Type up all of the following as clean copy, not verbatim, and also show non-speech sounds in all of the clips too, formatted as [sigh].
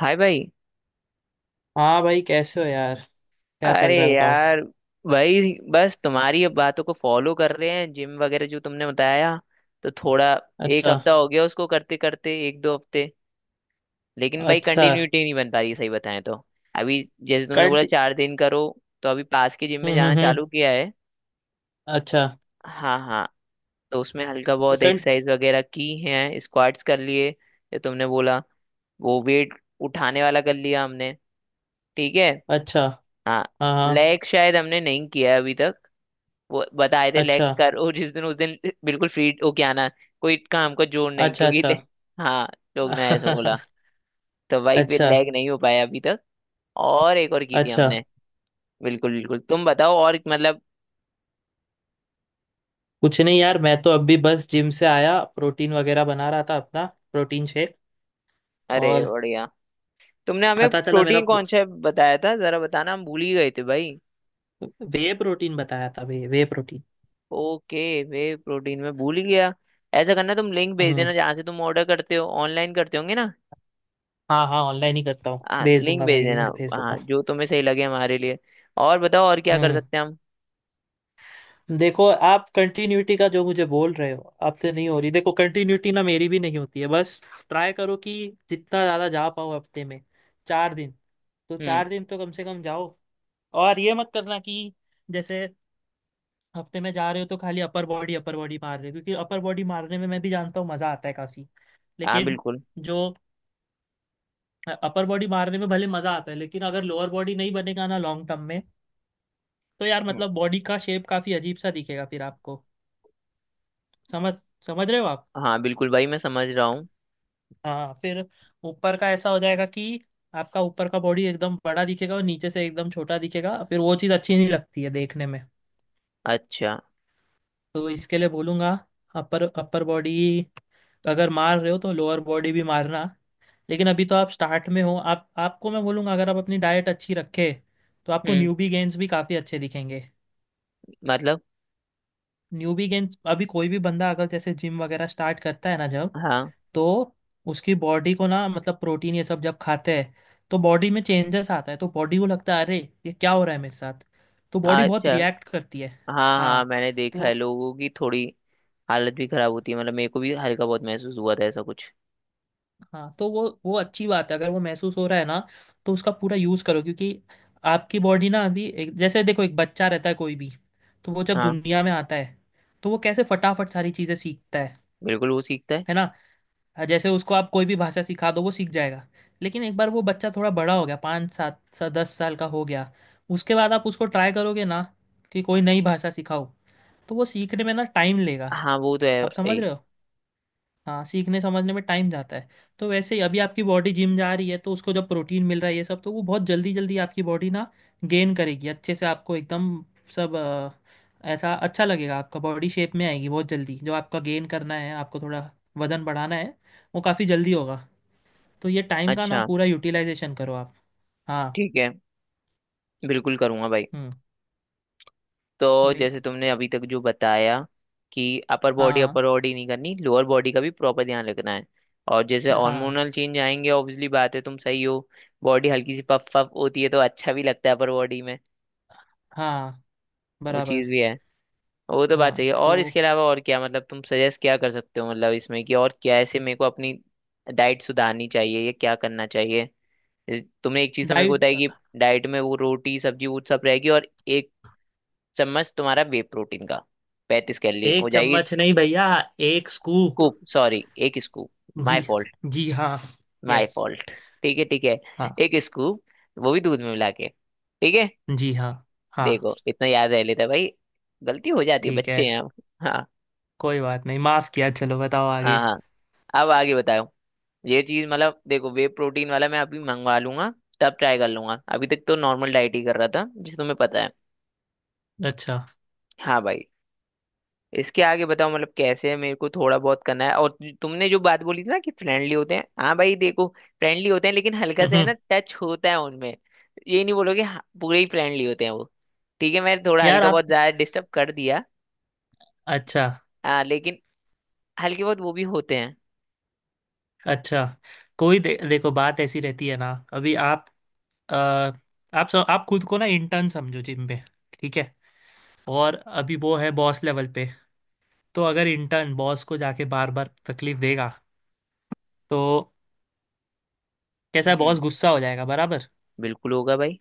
हाय भाई। हाँ भाई कैसे हो यार क्या चल अरे रहा है बताओ यार। भाई बस तुम्हारी अब बातों को फॉलो कर रहे हैं जिम वगैरह जो तुमने बताया। तो थोड़ा एक अच्छा। हफ्ता हो गया उसको करते करते एक दो हफ्ते। लेकिन भाई अच्छा। कंटिन्यूटी नहीं बन पा रही सही बताएं तो। अभी जैसे तुमने बोला कंट 4 दिन करो। तो अभी पास के जिम में हम्म, जाना हम्म, हम्म। चालू किया है। अच्छा। हाँ हाँ। तो उसमें हल्का बहुत कंट एक्सरसाइज वगैरह की है स्क्वाट्स कर लिए जो तुमने बोला। वो वेट उठाने वाला कर लिया हमने। ठीक है। अच्छा। हाँ। हाँ, हाँ। लेग शायद हमने नहीं किया है अभी तक। वो बताए थे लेग अच्छा। कर और जिस दिन उस दिन बिल्कुल फ्री होके आना कोई काम को जोड़ नहीं अच्छा। क्योंकि अच्छा। हाँ। लोग ने ऐसा बोला। [laughs] तो भाई फिर अच्छा। लेग नहीं हो पाया अभी तक। और एक और की थी अच्छा। हमने। बिल्कुल बिल्कुल तुम बताओ और मतलब। कुछ नहीं यार, मैं तो अभी बस जिम से आया। प्रोटीन वगैरह बना रहा था अपना, प्रोटीन शेक। अरे और बढ़िया। तुमने हमें पता चला मेरा प्रोटीन कौन सा बताया था जरा बताना हम भूल ही गए थे भाई। वे प्रोटीन बताया था, whey whey protein. Okay whey protein में भूल ही गया। ऐसा करना तुम लिंक भेज देना हम्म। जहाँ से तुम ऑर्डर करते हो ऑनलाइन करते होंगे ना। हाँ हाँ, ऑनलाइन ही करता हूँ। हाँ तो भेज लिंक दूंगा भेज भाई, देना। लिंक भेज हाँ दूंगा। जो तुम्हें सही लगे हमारे लिए। और बताओ और क्या कर हम्म। सकते हैं हम। देखो, आप कंटिन्यूटी का जो मुझे बोल रहे हो, आपसे नहीं हो रही। देखो कंटिन्यूटी ना, मेरी भी नहीं होती है बस। ट्राई करो कि जितना ज़्यादा जा पाओ हफ्ते में, चार दिन। तो हम्म। चार दिन तो कम से कम जाओ। और ये मत करना कि जैसे हफ्ते में जा रहे हो तो खाली अपर बॉडी, अपर बॉडी मार रहे हो। क्योंकि अपर बॉडी मारने में मैं भी जानता हूँ मज़ा आता है काफ़ी। हाँ लेकिन बिल्कुल। जो अपर बॉडी मारने में भले मज़ा आता है, लेकिन अगर लोअर बॉडी नहीं बनेगा ना लॉन्ग टर्म में, तो यार मतलब बॉडी का शेप काफ़ी अजीब सा दिखेगा फिर आपको। समझ समझ रहे हो आप? हाँ बिल्कुल भाई मैं समझ रहा हूँ। हाँ फिर ऊपर का ऐसा हो जाएगा कि आपका ऊपर का बॉडी एकदम बड़ा दिखेगा और नीचे से एकदम छोटा दिखेगा। फिर वो चीज़ अच्छी नहीं लगती है देखने में। अच्छा। तो इसके लिए बोलूँगा, अपर अपर बॉडी अगर मार रहे हो तो लोअर बॉडी भी मारना। लेकिन अभी तो आप स्टार्ट में हो। आप आपको मैं बोलूँगा अगर आप अपनी डाइट अच्छी रखे, तो आपको हम्म। न्यूबी गेंस भी काफ़ी अच्छे दिखेंगे। मतलब। न्यूबी गेंस, अभी कोई भी बंदा अगर जैसे जिम वगैरह स्टार्ट करता है ना, जब हाँ। तो उसकी बॉडी को ना, मतलब प्रोटीन ये सब जब खाते हैं, तो बॉडी में चेंजेस आता है, तो बॉडी को लगता है अरे ये क्या हो रहा है मेरे साथ। तो बॉडी बहुत अच्छा। रिएक्ट करती है। हाँ हाँ हाँ मैंने देखा तो। है लोगों की थोड़ी हालत भी खराब होती है मतलब मेरे को भी हल्का बहुत महसूस हुआ था ऐसा कुछ। हाँ तो वो अच्छी बात है अगर वो महसूस हो रहा है ना, तो उसका पूरा यूज़ करो। क्योंकि आपकी बॉडी ना अभी जैसे देखो एक बच्चा रहता है कोई भी, तो वो जब हाँ दुनिया में आता है, तो वो कैसे फटाफट सारी चीज़ें सीखता है बिल्कुल वो सीखता है। है ना? हाँ, जैसे उसको आप कोई भी भाषा सिखा दो वो सीख जाएगा। लेकिन एक बार वो बच्चा थोड़ा बड़ा हो गया, पाँच सात सा दस साल का हो गया, उसके बाद आप उसको ट्राई करोगे ना कि कोई नई भाषा सिखाओ, तो वो सीखने में ना टाइम लेगा। हाँ वो तो है आप समझ भाई। रहे हो? हाँ, सीखने समझने में टाइम जाता है। तो वैसे ही अभी आपकी बॉडी जिम जा रही है, तो उसको जब प्रोटीन मिल रहा है ये सब, तो वो बहुत जल्दी जल्दी आपकी बॉडी ना गेन करेगी अच्छे से, आपको एकदम। सब ऐसा अच्छा लगेगा, आपका बॉडी शेप में आएगी बहुत जल्दी। जो आपका गेन करना है, आपको थोड़ा वजन बढ़ाना है, वो काफ़ी जल्दी होगा। तो ये टाइम का ना अच्छा। पूरा यूटिलाइजेशन करो आप। हाँ। ठीक है। बिल्कुल करूँगा भाई। हम्म। तो जैसे बिल्कुल। तुमने अभी तक जो बताया कि हाँ अपर बॉडी नहीं करनी लोअर बॉडी का भी प्रॉपर ध्यान रखना है। और जैसे हाँ हार्मोनल चेंज आएंगे ऑब्वियसली बात है तुम सही हो। बॉडी हल्की सी पफ पफ होती है तो अच्छा भी लगता है अपर बॉडी में। हाँ। वो चीज़ बराबर। भी है। वो तो बात हाँ सही है तो और इसके अलावा और क्या मतलब तुम सजेस्ट क्या कर सकते हो मतलब इसमें कि और क्या ऐसे मेरे को अपनी डाइट सुधारनी चाहिए या क्या करना चाहिए। जैसे तुमने एक चीज़ तो मेरे को डाइट। बताई कि डाइट में वो रोटी सब्जी वो सब रहेगी और एक चम्मच तुम्हारा वे प्रोटीन का 35 कैलोरी हो एक जाएगी। चम्मच नहीं भैया, एक स्कूप। Scoop sorry. एक स्कूप। जी। My fault. जी हाँ। My yes. फॉल्ट। ठीक है ठीक है। हाँ। एक स्कूप वो भी दूध में मिला के। ठीक है। जी हाँ। हाँ। देखो इतना याद रह लेता है भाई गलती हो जाती है ठीक है, बच्चे हैं हम। हाँ कोई बात नहीं, माफ किया। चलो बताओ आगे। हाँ हाँ। अब आगे बताओ। ये चीज मतलब देखो वे प्रोटीन वाला मैं अभी मंगवा लूंगा। तब ट्राई कर लूंगा अभी तक तो नॉर्मल डाइट ही कर रहा था जिसे तुम्हें पता है। अच्छा। हाँ भाई। इसके आगे बताओ मतलब कैसे है मेरे को थोड़ा बहुत करना है और तुमने जो बात बोली थी ना कि फ्रेंडली होते हैं हाँ भाई देखो। फ्रेंडली होते हैं लेकिन हल्का सा है हम्म। ना टच होता है उनमें। ये नहीं बोलोगे हाँ, पूरे ही फ्रेंडली होते हैं वो। ठीक है मैंने थोड़ा यार हल्का आप बहुत ज्यादा डिस्टर्ब कर दिया। अच्छा। हाँ लेकिन हल्के बहुत वो भी होते हैं। अच्छा। देखो, बात ऐसी रहती है ना, अभी आप अ, आप सब आप खुद को ना इंटर्न समझो जिम पे। ठीक है। और अभी वो है बॉस लेवल पे। तो अगर इंटर्न बॉस को जाके बार बार तकलीफ देगा, तो कैसा है, बॉस हम्म। गुस्सा हो जाएगा, बराबर। बिल्कुल होगा भाई।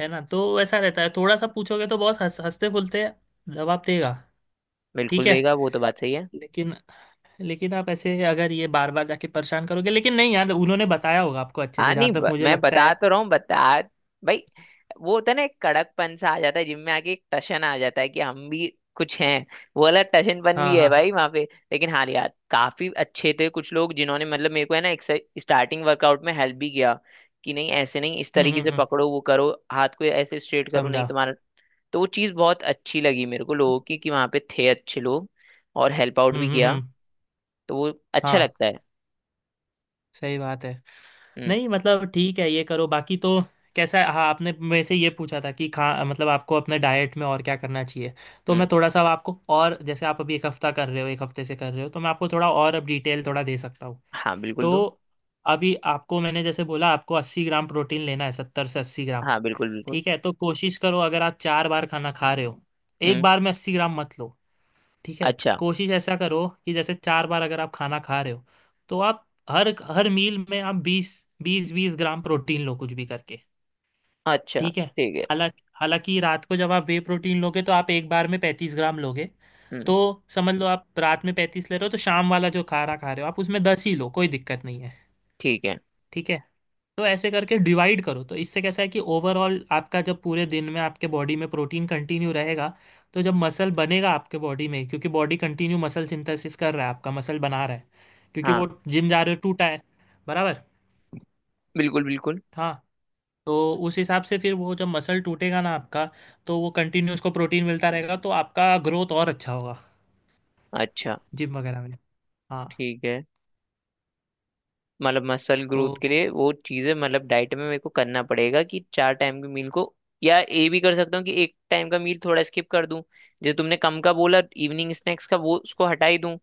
है ना? तो ऐसा रहता है, थोड़ा सा पूछोगे तो बॉस हंसते फुलते जवाब देगा। ठीक बिल्कुल है। देगा वो तो बात सही है। लेकिन लेकिन आप ऐसे अगर ये बार बार जाके परेशान करोगे। लेकिन नहीं यार, उन्होंने बताया होगा आपको अच्छे से हाँ नहीं जहाँ तक मुझे मैं लगता बता है। तो रहा हूँ बता भाई। वो होता है ना एक कड़कपन सा आ जाता है जिम में आके एक टशन आ जाता है कि हम भी कुछ हैं। वो वाला टशनपन भी हाँ है हाँ। भाई वहां पे। लेकिन हाँ यार काफी अच्छे थे कुछ लोग जिन्होंने मतलब मेरे को है ना एक स्टार्टिंग वर्कआउट में हेल्प भी किया कि नहीं ऐसे नहीं इस हम्म, तरीके हम्म, से पकड़ो वो करो हाथ को ऐसे स्ट्रेट करो नहीं समझा। तुम्हारा। तो वो चीज़ बहुत अच्छी लगी मेरे को लोगों की कि वहां पे थे अच्छे लोग। और हेल्प आउट भी हम्म, हम्म, किया। हम्म। तो वो अच्छा हाँ, लगता है। सही बात है। हम्म नहीं मतलब ठीक है, ये करो बाकी। तो कैसा है, हाँ, आपने मेरे से ये पूछा था कि खा मतलब आपको अपने डाइट में और क्या करना चाहिए? तो मैं हम्म। थोड़ा सा अब आपको, और जैसे आप अभी एक हफ्ता कर रहे हो, एक हफ्ते से कर रहे हो, तो मैं आपको थोड़ा और अब डिटेल थोड़ा दे सकता हूँ। हाँ बिल्कुल तो दो। अभी आपको मैंने जैसे बोला, आपको 80 ग्राम प्रोटीन लेना है, 70 से 80 ग्राम। हाँ बिल्कुल बिल्कुल। ठीक है, तो कोशिश करो, अगर आप 4 बार खाना खा रहे हो, एक हम्म। बार में 80 ग्राम मत लो। ठीक है। अच्छा। कोशिश ऐसा करो कि जैसे 4 बार अगर आप खाना खा रहे हो, तो आप हर हर मील में आप 20 20 20 ग्राम प्रोटीन लो कुछ भी करके। अच्छा। ठीक है। ठीक है। हालांकि हालांकि रात को जब आप वे प्रोटीन लोगे, तो आप एक बार में 35 ग्राम लोगे। हम्म। तो समझ लो आप रात में 35 ले रहे हो, तो शाम वाला जो खाना खा रहे हो आप उसमें 10 ही लो, कोई दिक्कत नहीं है। ठीक है। ठीक है। तो ऐसे करके डिवाइड करो, तो इससे कैसा है कि ओवरऑल आपका जब पूरे दिन में आपके बॉडी में प्रोटीन कंटिन्यू रहेगा, तो जब मसल बनेगा आपके बॉडी में, क्योंकि बॉडी कंटिन्यू मसल सिंथेसिस कर रहा है, आपका मसल बना रहा है, क्योंकि वो हाँ जिम जा रहे हो टूटा है, बराबर। बिल्कुल बिल्कुल। हाँ, तो उस हिसाब से फिर वो जब मसल टूटेगा ना आपका, तो वो कंटिन्यू उसको प्रोटीन मिलता रहेगा, तो आपका ग्रोथ और अच्छा होगा अच्छा। जिम वगैरह में। हाँ। ठीक है मतलब मसल ग्रोथ तो के लिए वो चीज़ें मतलब डाइट में मेरे को करना पड़ेगा कि चार टाइम के मील को या ये भी कर सकता हूँ कि एक टाइम का मील थोड़ा स्किप कर दूं जैसे तुमने कम का बोला इवनिंग स्नैक्स का वो उसको हटा ही दूं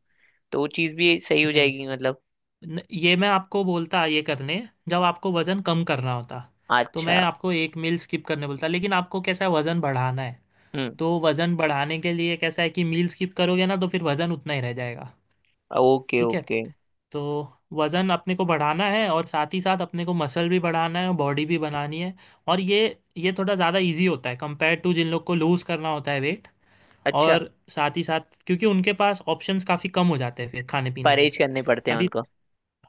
तो वो चीज़ भी सही हो नहीं, जाएगी मतलब। ये मैं आपको बोलता ये करने, जब आपको वजन कम करना होता, तो अच्छा। मैं आपको एक मील स्किप करने बोलता। लेकिन आपको कैसा है, वजन बढ़ाना है। हम्म। तो वजन बढ़ाने के लिए कैसा है कि मील स्किप करोगे ना, तो फिर वजन उतना ही रह जाएगा। ओके ठीक है। ओके। तो वजन अपने को बढ़ाना है, और साथ ही साथ अपने को मसल भी बढ़ाना है, और बॉडी भी बनानी है। और ये थोड़ा ज़्यादा इजी होता है कंपेयर टू जिन लोग को लूज़ करना होता है वेट। अच्छा। और साथ ही साथ क्योंकि उनके पास ऑप्शंस काफ़ी कम हो जाते हैं फिर खाने पीने के। परहेज करने पड़ते हैं अभी। उनको।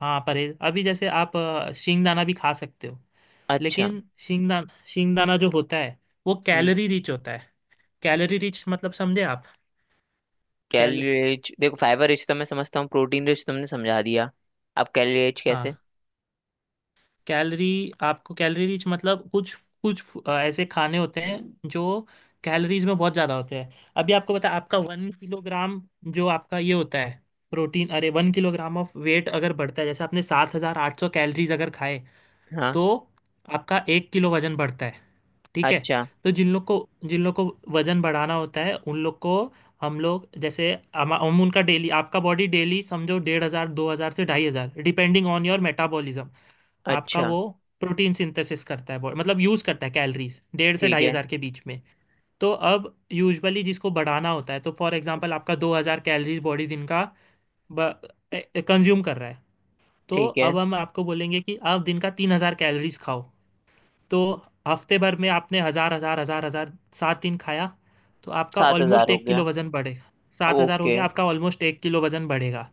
हाँ परहेज। अभी जैसे आप सींगदाना भी खा सकते हो। अच्छा। लेकिन सींगदाना सींगदाना जो होता है, वो हम्म। कैलोरी रिच होता है। कैलोरी रिच मतलब, समझे आप? कैल कैलोरी रिच देखो फाइबर रिच तो मैं समझता हूँ प्रोटीन रिच तुमने समझा दिया अब कैलोरी रिच कैसे। हाँ कैलोरी। आपको कैलोरी रिच मतलब कुछ, कुछ ऐसे खाने होते हैं जो कैलोरीज में बहुत ज़्यादा होते हैं। अभी आपको पता है, आपका वन किलोग्राम, जो आपका ये होता है, प्रोटीन, अरे वन किलोग्राम ऑफ वेट अगर बढ़ता है, जैसे आपने 7,800 कैलोरीज अगर खाए, हाँ। तो आपका 1 किलो वजन बढ़ता है। ठीक है। अच्छा। तो जिन लोग को वजन बढ़ाना होता है, उन लोग को, हम लोग जैसे हम उनका डेली, आपका बॉडी डेली समझो 1,500, 2,000 से 2,500, डिपेंडिंग ऑन योर मेटाबॉलिज्म। आपका अच्छा। वो प्रोटीन सिंथेसिस करता है बॉडी, मतलब यूज़ करता है कैलोरीज, डेढ़ से ठीक ढाई है हज़ार के बीच में। तो अब यूजुअली जिसको बढ़ाना होता है, तो फॉर एग्जांपल आपका 2,000 कैलोरीज बॉडी दिन का कंज्यूम कर रहा है। तो ठीक है। अब हम आपको बोलेंगे कि आप दिन का 3,000 कैलोरीज खाओ। तो हफ्ते भर में आपने 1,000 1,000 1,000 1,000 7 दिन खाया, तो आपका 7,000 ऑलमोस्ट हो एक गया। किलो वजन बढ़ेगा। सात हजार हो ओके। गया, आपका ऑलमोस्ट एक किलो वजन बढ़ेगा।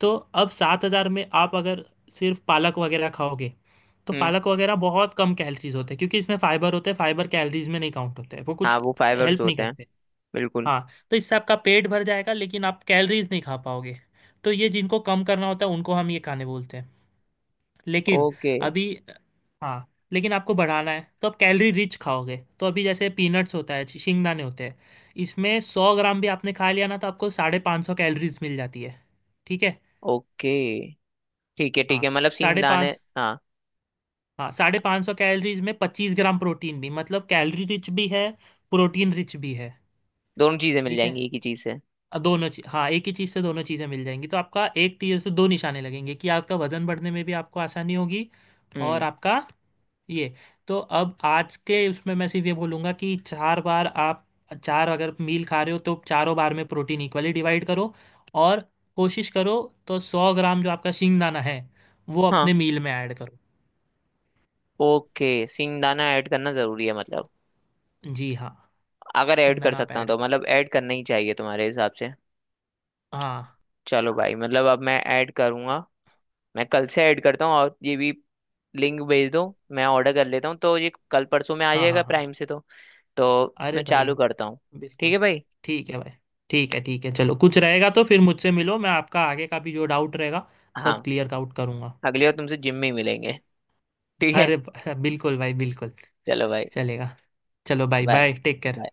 तो अब 7,000 में आप अगर सिर्फ पालक वगैरह खाओगे, तो हम्म। पालक वगैरह बहुत कम कैलोरीज होते हैं, क्योंकि इसमें फाइबर होते हैं, फाइबर कैलोरीज में नहीं काउंट होते हैं, वो हाँ कुछ वो फाइबर्स हेल्प नहीं होते हैं। करते। बिल्कुल। हाँ, तो इससे आपका पेट भर जाएगा, लेकिन आप कैलोरीज नहीं खा पाओगे। तो ये जिनको कम करना होता है उनको हम ये खाने बोलते हैं। लेकिन ओके। अभी। हाँ। लेकिन आपको बढ़ाना है तो आप कैलोरी रिच खाओगे। तो अभी जैसे पीनट्स होता है, शिंगदाने होते हैं, इसमें 100 ग्राम भी आपने खा लिया ना, तो आपको 550 कैलोरीज मिल जाती है। ठीक है। ओके ठीक हाँ, है मतलब साढ़े सिंगदाने। पाँच हाँ। हाँ साढ़े पाँच सौ कैलोरीज में 25 ग्राम प्रोटीन भी, मतलब कैलोरी रिच भी है, प्रोटीन रिच भी है। दोनों चीजें मिल ठीक है। जाएंगी एक ही चीज से। दोनों चीज हाँ, एक ही चीज़ से दोनों चीज़ें मिल जाएंगी, तो आपका एक तीर से दो निशाने लगेंगे कि आपका वजन बढ़ने में भी आपको आसानी होगी। और हम्म। आपका ये तो अब आज के उसमें मैं सिर्फ ये बोलूँगा कि चार बार आप चार अगर मील खा रहे हो, तो चारों बार में प्रोटीन इक्वली डिवाइड करो और कोशिश करो। तो 100 ग्राम जो आपका शिंगदाना है, वो अपने हाँ मील में ऐड करो। ओके सिंगदाना ऐड करना जरूरी है मतलब जी हाँ। अगर ऐड कर सिंगदाना आप सकता हूँ ऐड तो करो। मतलब ऐड करना ही चाहिए तुम्हारे हिसाब से। हाँ चलो भाई मतलब अब मैं ऐड करूंगा। मैं कल से ऐड करता हूँ और ये भी लिंक भेज दो। मैं ऑर्डर कर लेता हूँ तो ये कल परसों में आ हाँ जाएगा हाँ हाँ। प्राइम से तो अरे मैं भाई, चालू करता हूँ। ठीक बिल्कुल। है भाई। ठीक है भाई। ठीक है, ठीक है, चलो कुछ रहेगा तो फिर मुझसे मिलो, मैं आपका आगे का भी जो डाउट रहेगा हाँ सब क्लियर आउट करूँगा। अगली बार तुमसे जिम में ही मिलेंगे। ठीक है। अरे [laughs] बिल्कुल भाई, बिल्कुल। चलो भाई चलेगा। चलो भाई, बाय, टेक केयर। बाय।